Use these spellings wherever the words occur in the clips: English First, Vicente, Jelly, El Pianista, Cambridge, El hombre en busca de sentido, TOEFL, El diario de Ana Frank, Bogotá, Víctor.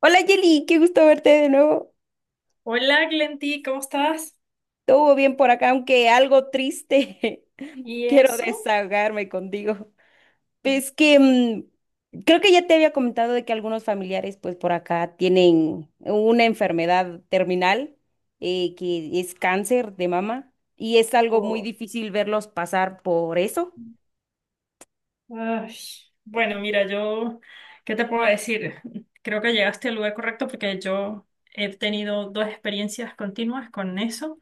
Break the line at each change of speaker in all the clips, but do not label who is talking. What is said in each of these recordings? Hola Jelly, qué gusto verte de nuevo.
Hola Glenti, ¿cómo estás?
Todo bien por acá, aunque algo triste.
¿Y
Quiero
eso?
desahogarme contigo. Creo que ya te había comentado de que algunos familiares, pues por acá, tienen una enfermedad terminal, que es cáncer de mama y es algo muy difícil verlos pasar por eso.
Ay, bueno, mira, yo, ¿qué te puedo decir? Creo que llegaste al lugar correcto porque yo he tenido dos experiencias continuas con eso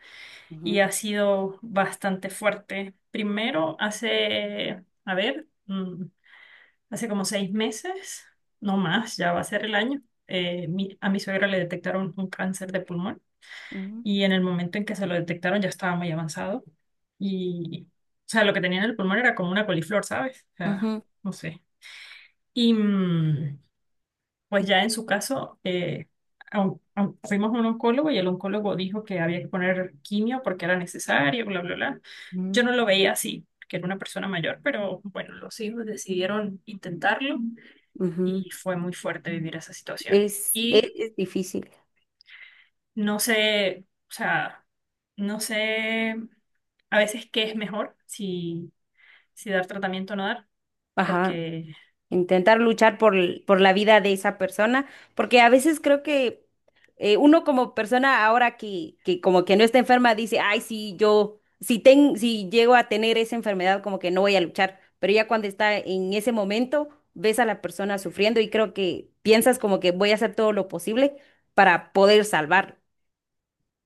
y
Ujú,
ha sido bastante fuerte. Primero, a ver, hace como 6 meses, no más, ya va a ser el año, a mi suegra le detectaron un cáncer de pulmón.
ujú,
Y en el momento en que se lo detectaron ya estaba muy avanzado y, o sea, lo que tenía en el pulmón era como una coliflor, ¿sabes? O sea,
ujú,
no sé. Y mm, pues ya en su caso, a un- fuimos a un oncólogo y el oncólogo dijo que había que poner quimio porque era necesario, bla, bla, bla. Yo
ujú,
no lo veía así, que era una persona mayor, pero bueno, los hijos decidieron intentarlo
ujú.
y fue muy fuerte vivir esa situación.
Es, es,
Y
es difícil.
no sé, o sea, no sé a veces qué es mejor, si, si dar tratamiento o no dar,
Ajá.
porque,
Intentar luchar por, por la vida de esa persona, porque a veces creo que uno como persona ahora que como que no está enferma dice, ay, sí, yo, si, ten, si llego a tener esa enfermedad, como que no voy a luchar, pero ya cuando está en ese momento, ves a la persona sufriendo y creo que piensas como que voy a hacer todo lo posible para poder salvarlo.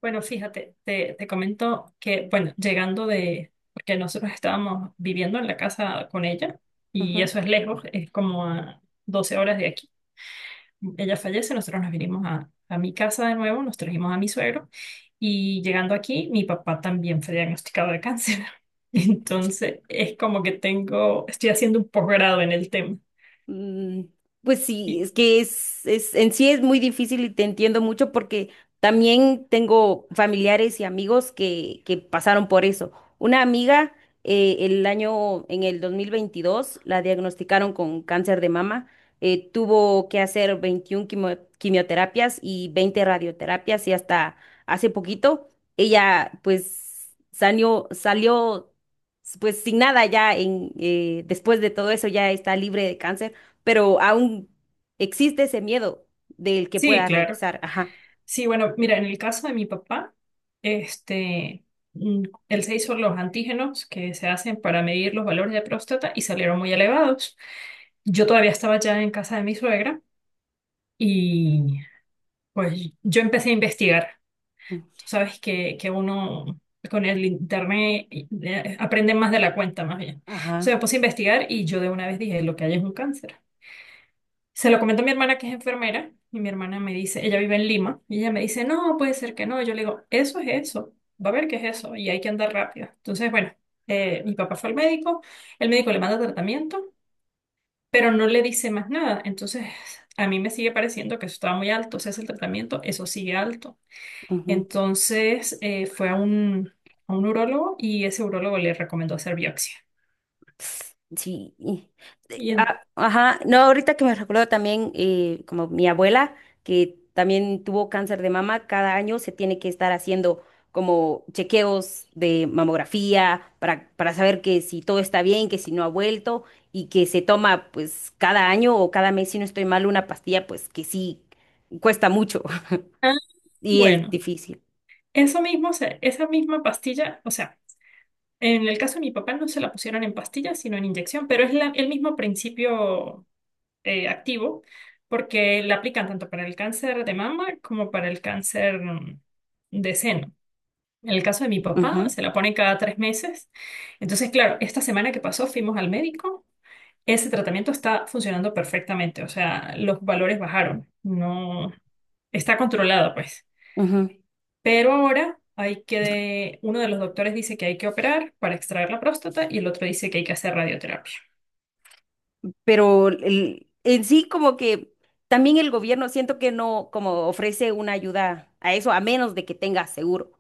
bueno, fíjate, te comento que, bueno, llegando de, porque nosotros estábamos viviendo en la casa con ella y eso es lejos, es como a 12 horas de aquí. Ella fallece, nosotros nos vinimos a mi casa de nuevo, nos trajimos a mi suegro y llegando aquí, mi papá también fue diagnosticado de cáncer. Entonces, es como que tengo, estoy haciendo un posgrado en el tema.
Mm, Pues sí,
Y,
es que es, en sí es muy difícil y te entiendo mucho porque también tengo familiares y amigos que pasaron por eso. Una amiga en el 2022 la diagnosticaron con cáncer de mama. Tuvo que hacer 21 quimioterapias y 20 radioterapias y hasta hace poquito ella pues salió, salió pues sin nada ya en, después de todo eso ya está libre de cáncer, pero aún existe ese miedo del que
sí,
pueda
claro.
regresar. Ajá.
Sí, bueno, mira, en el caso de mi papá, este, mm, él se hizo los antígenos que se hacen para medir los valores de próstata y salieron muy elevados. Yo todavía estaba ya en casa de mi suegra y pues yo empecé a investigar.
Mm.
Tú sabes que, uno con el internet, aprende más de la cuenta, más bien. Se me
Ajá.
puse a investigar y yo de una vez dije, lo que hay es un cáncer. Se lo comento a mi hermana que es enfermera y mi hermana me dice, ella vive en Lima y ella me dice, no, puede ser que no. Y yo le digo, eso es eso, va a ver qué es eso y hay que andar rápido. Entonces, bueno, mi papá fue al médico, el médico le manda tratamiento, pero no le dice más nada. Entonces, a mí me sigue pareciendo que eso estaba muy alto, o sea, es el tratamiento, eso sigue alto.
Ujú.
Entonces fue a un urólogo y ese urólogo le recomendó hacer biopsia.
Sí.
Y en-
Ajá. No, ahorita que me recuerdo también, como mi abuela, que también tuvo cáncer de mama, cada año se tiene que estar haciendo como chequeos de mamografía para saber que si todo está bien, que si no ha vuelto, y que se toma pues cada año o cada mes, si no estoy mal, una pastilla, pues que sí cuesta mucho
ah,
y es
bueno,
difícil.
eso mismo, o sea, esa misma pastilla, o sea, en el caso de mi papá no se la pusieron en pastilla, sino en inyección, pero es el mismo principio activo, porque la aplican tanto para el cáncer de mama como para el cáncer de seno. En el caso de mi papá,
Ujú,
se la pone cada 3 meses. Entonces, claro, esta semana que pasó fuimos al médico. Ese tratamiento está funcionando perfectamente, o sea, los valores bajaron, no, está controlado, pues.
ujú.
Pero ahora hay que, uno de los doctores dice que hay que operar para extraer la próstata y el otro dice que hay que hacer radioterapia.
En sí como que también el gobierno siento que no como ofrece una ayuda a eso, a menos de que tenga seguro.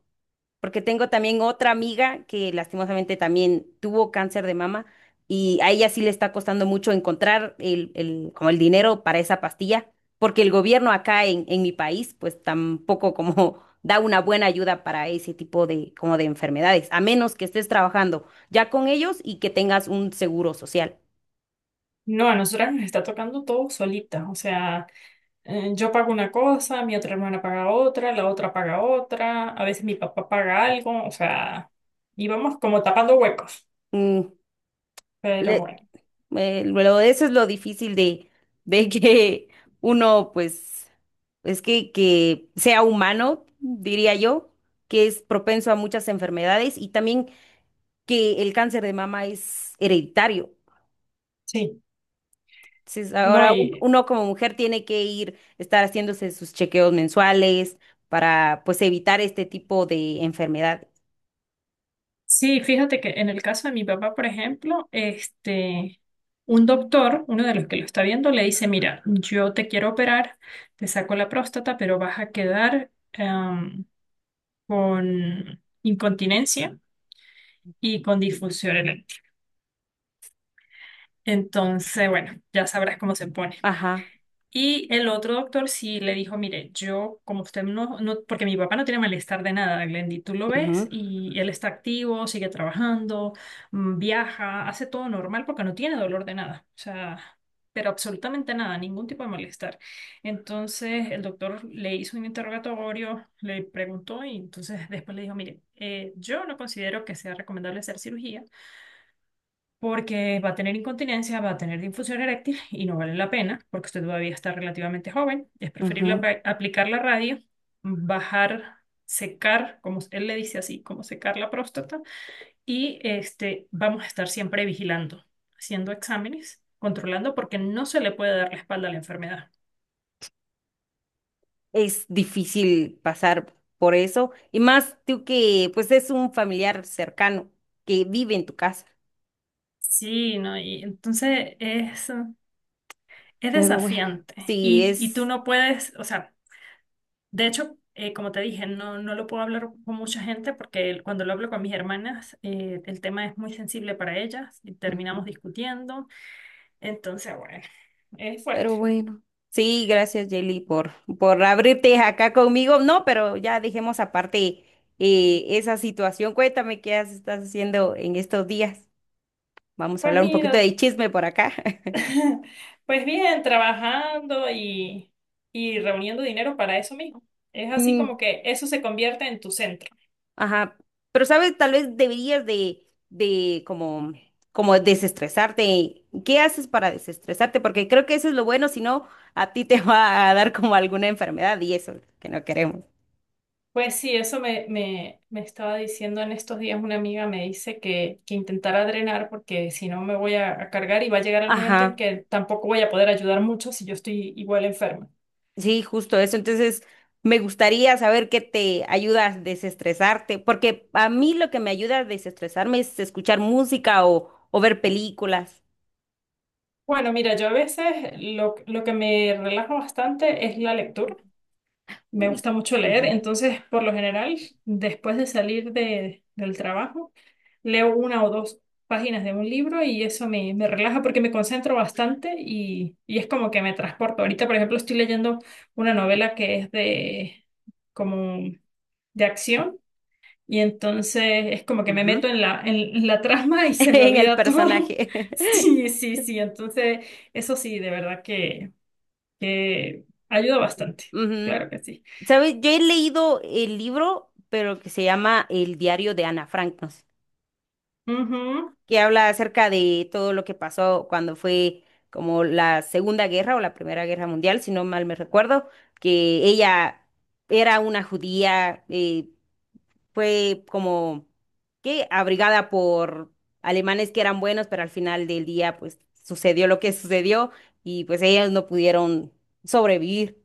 Porque tengo también otra amiga que lastimosamente también tuvo cáncer de mama y a ella sí le está costando mucho encontrar como el dinero para esa pastilla, porque el gobierno acá en mi país pues tampoco como da una buena ayuda para ese tipo de como de enfermedades, a menos que estés trabajando ya con ellos y que tengas un seguro social.
No, a nosotras nos está tocando todo solita, o sea, yo pago una cosa, mi otra hermana paga otra, la otra paga otra, a veces mi papá paga algo, o sea, íbamos como tapando huecos,
Mm,
pero
le-
bueno,
Eso es lo difícil de que uno, pues, es que sea humano, diría yo, que es propenso a muchas enfermedades y también que el cáncer de mama es hereditario.
sí.
Entonces,
No,
ahora
y
uno como mujer tiene que ir, estar haciéndose sus chequeos mensuales para, pues, evitar este tipo de enfermedades.
sí, fíjate que en el caso de mi papá, por ejemplo, este, un doctor, uno de los que lo está viendo, le dice, mira, yo te quiero operar, te saco la próstata, pero vas a quedar con incontinencia y con disfunción eréctil. Entonces, bueno, ya sabrás cómo se pone.
Ajá.
Y el otro doctor sí le dijo, mire, yo como usted no, no, porque mi papá no tiene malestar de nada, Glendy, tú lo ves
Ujú,
y él está activo, sigue trabajando, viaja, hace todo normal porque no tiene dolor de nada, o sea, pero absolutamente nada, ningún tipo de malestar. Entonces el doctor le hizo un interrogatorio, le preguntó y entonces después le dijo, mire, yo no considero que sea recomendable hacer cirugía porque va a tener incontinencia, va a tener disfunción eréctil y no vale la pena porque usted todavía está relativamente joven. Es preferible
ujú.
aplicar la radio, bajar, secar, como él le dice así, como secar la próstata y este, vamos a estar siempre vigilando, haciendo exámenes, controlando porque no se le puede dar la espalda a la enfermedad.
Es difícil pasar por eso, y más tú que pues es un familiar cercano que vive en tu casa.
Sí, ¿no? Y entonces es
Pero bueno.
desafiante
Sí,
y tú
es.
no puedes, o sea... De hecho, como te dije, no, no lo puedo hablar con mucha gente porque cuando lo hablo con mis hermanas, el tema es muy sensible para ellas y
Ujú.
terminamos discutiendo. Entonces, bueno, es fuerte.
Pero bueno. Sí, gracias Jelly por abrirte acá conmigo. No, pero ya dejemos aparte esa situación. Cuéntame estás haciendo en estos días. Vamos a
Pues
hablar un poquito
mira,
de chisme por acá.
pues bien, trabajando y, reuniendo dinero para eso mismo. Es así como que eso se convierte en tu centro.
Ajá, pero sabes, tal vez deberías de como, como desestresarte. ¿Qué haces para desestresarte? Porque creo que eso es lo bueno, si no, a ti te va a dar como alguna enfermedad y eso que no queremos.
Pues sí, eso me estaba diciendo en estos días una amiga, me dice que intentara drenar porque si no me voy a cargar y va a llegar el momento en
Ajá,
que tampoco voy a poder ayudar mucho si yo estoy igual enferma.
sí, justo eso. Entonces, me gustaría saber qué te ayuda a desestresarte, porque a mí lo que me ayuda a desestresarme es escuchar música o ver películas.
Bueno, mira, yo a veces lo que me relaja bastante es la lectura. Me
Uy.
gusta mucho leer,
Ujú,
entonces por lo general, después de salir del trabajo, leo una o dos páginas de un libro y eso me relaja porque me concentro bastante y, es como que me transporto. Ahorita, por ejemplo, estoy leyendo una novela que es de como de acción y entonces es como que me
ujú.
meto en la trama y se me
En el
olvida todo.
personaje.
Sí, sí, sí, entonces eso sí, de verdad que, ayuda bastante,
Ujú.
claro que sí.
¿Sabes? Yo he leído el libro, pero que se llama El diario de Ana Frank, no sé,
Ujú,
que habla acerca de todo lo que pasó cuando fue como la Segunda Guerra o la Primera Guerra Mundial, si no mal me recuerdo, que ella era una judía, fue como que abrigada por alemanes que eran buenos, pero al final del día pues sucedió lo que sucedió y pues ellos no pudieron sobrevivir.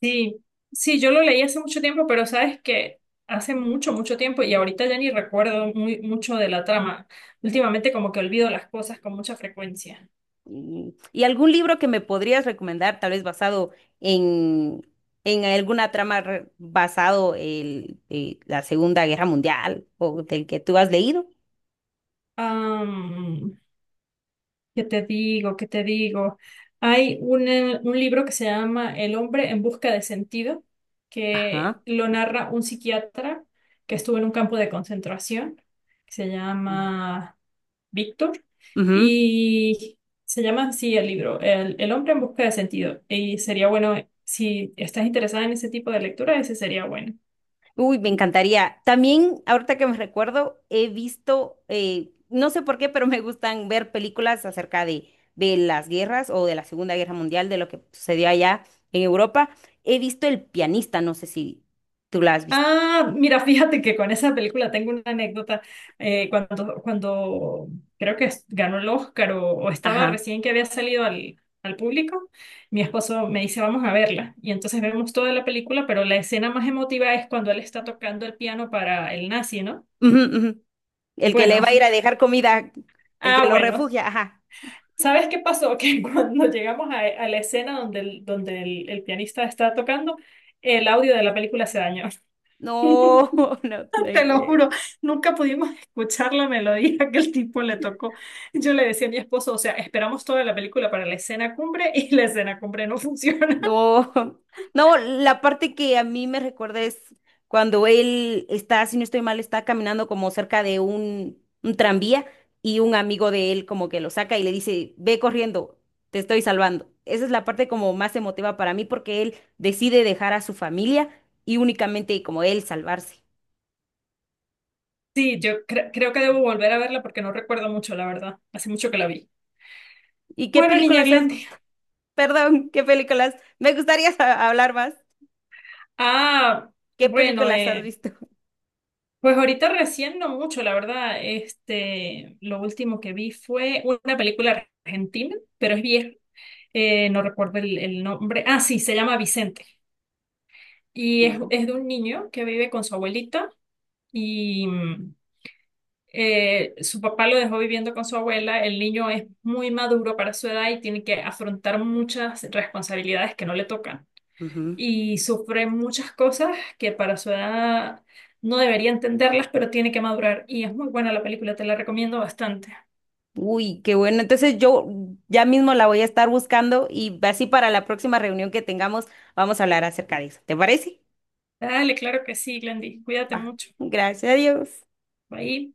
sí, sí, yo lo leí hace mucho tiempo, pero sabes que hace mucho, mucho tiempo y ahorita ya ni recuerdo muy, mucho de la trama. Últimamente como que olvido las cosas con mucha frecuencia.
Mm. ¿Y algún libro que me podrías recomendar, tal vez basado en, en alguna trama basado en, la Segunda Guerra Mundial o del que tú has leído?
Am, ¿Qué te digo? ¿Qué te digo? Hay un libro que se llama El hombre en busca de sentido, que
Ajá.
lo narra un psiquiatra que estuvo en un campo de concentración, que se
Mm.
llama Víctor,
Ujú.
y se llama así el libro, El hombre en busca de sentido. Y sería bueno, si estás interesada en ese tipo de lectura, ese sería bueno.
Uy, me encantaría. También, ahorita que me recuerdo, he visto, no sé por qué, pero me gustan ver películas acerca de las guerras o de la Segunda Guerra Mundial, de lo que sucedió allá en Europa. He visto El Pianista, no sé si tú la has visto.
Ah, mira, fíjate que con esa película tengo una anécdota. Cuando creo que ganó el Oscar o estaba
Ajá.
recién que había salido al público, mi esposo me dice, vamos a verla. Y entonces vemos toda la película, pero la escena más emotiva es cuando él está tocando el piano para el nazi, ¿no?
Ujú, ujú. El que le
Bueno,
va a ir a dejar comida, el
ah,
que lo
bueno.
refugia, ajá.
¿Sabes qué pasó? Que cuando llegamos a la escena donde el pianista está tocando, el audio de la película se dañó.
No, no, no,
Te lo juro, nunca pudimos escuchar la melodía que el tipo le tocó. Yo le decía a mi esposo, o sea, esperamos toda la película para la escena cumbre y la escena cumbre no funciona.
no, no, la parte que a mí me recuerda es cuando él está, si no estoy mal, está caminando como cerca de un tranvía y un amigo de él como que lo saca y le dice, ve corriendo, te estoy salvando. Esa es la parte como más emotiva para mí porque él decide dejar a su familia y únicamente como él salvarse.
Sí, yo creo que debo volver a verla porque no recuerdo mucho, la verdad. Hace mucho que la vi.
¿Y qué
Bueno, niña
películas has,
Glendy.
perdón, qué películas? Me gustaría hablar más.
Ah,
¿Qué
bueno,
películas has visto?
pues ahorita recién no mucho, la verdad. Este, lo último que vi fue una película argentina, pero es vieja. No recuerdo el nombre. Ah, sí, se llama Vicente. Y es de un niño que vive con su abuelita y su papá lo dejó viviendo con su abuela. El niño es muy maduro para su edad y tiene que afrontar muchas responsabilidades que no le tocan
Ujú.
y sufre muchas cosas que para su edad no debería entenderlas, pero tiene que madurar. Y es muy buena la película, te la recomiendo bastante.
Uy, qué bueno. Entonces yo ya mismo la voy a estar buscando y así para la próxima reunión que tengamos vamos a hablar acerca de eso. ¿Te parece?
Dale, claro que sí, Glendy. Cuídate
Va.
mucho.
Gracias a Dios.
Bye.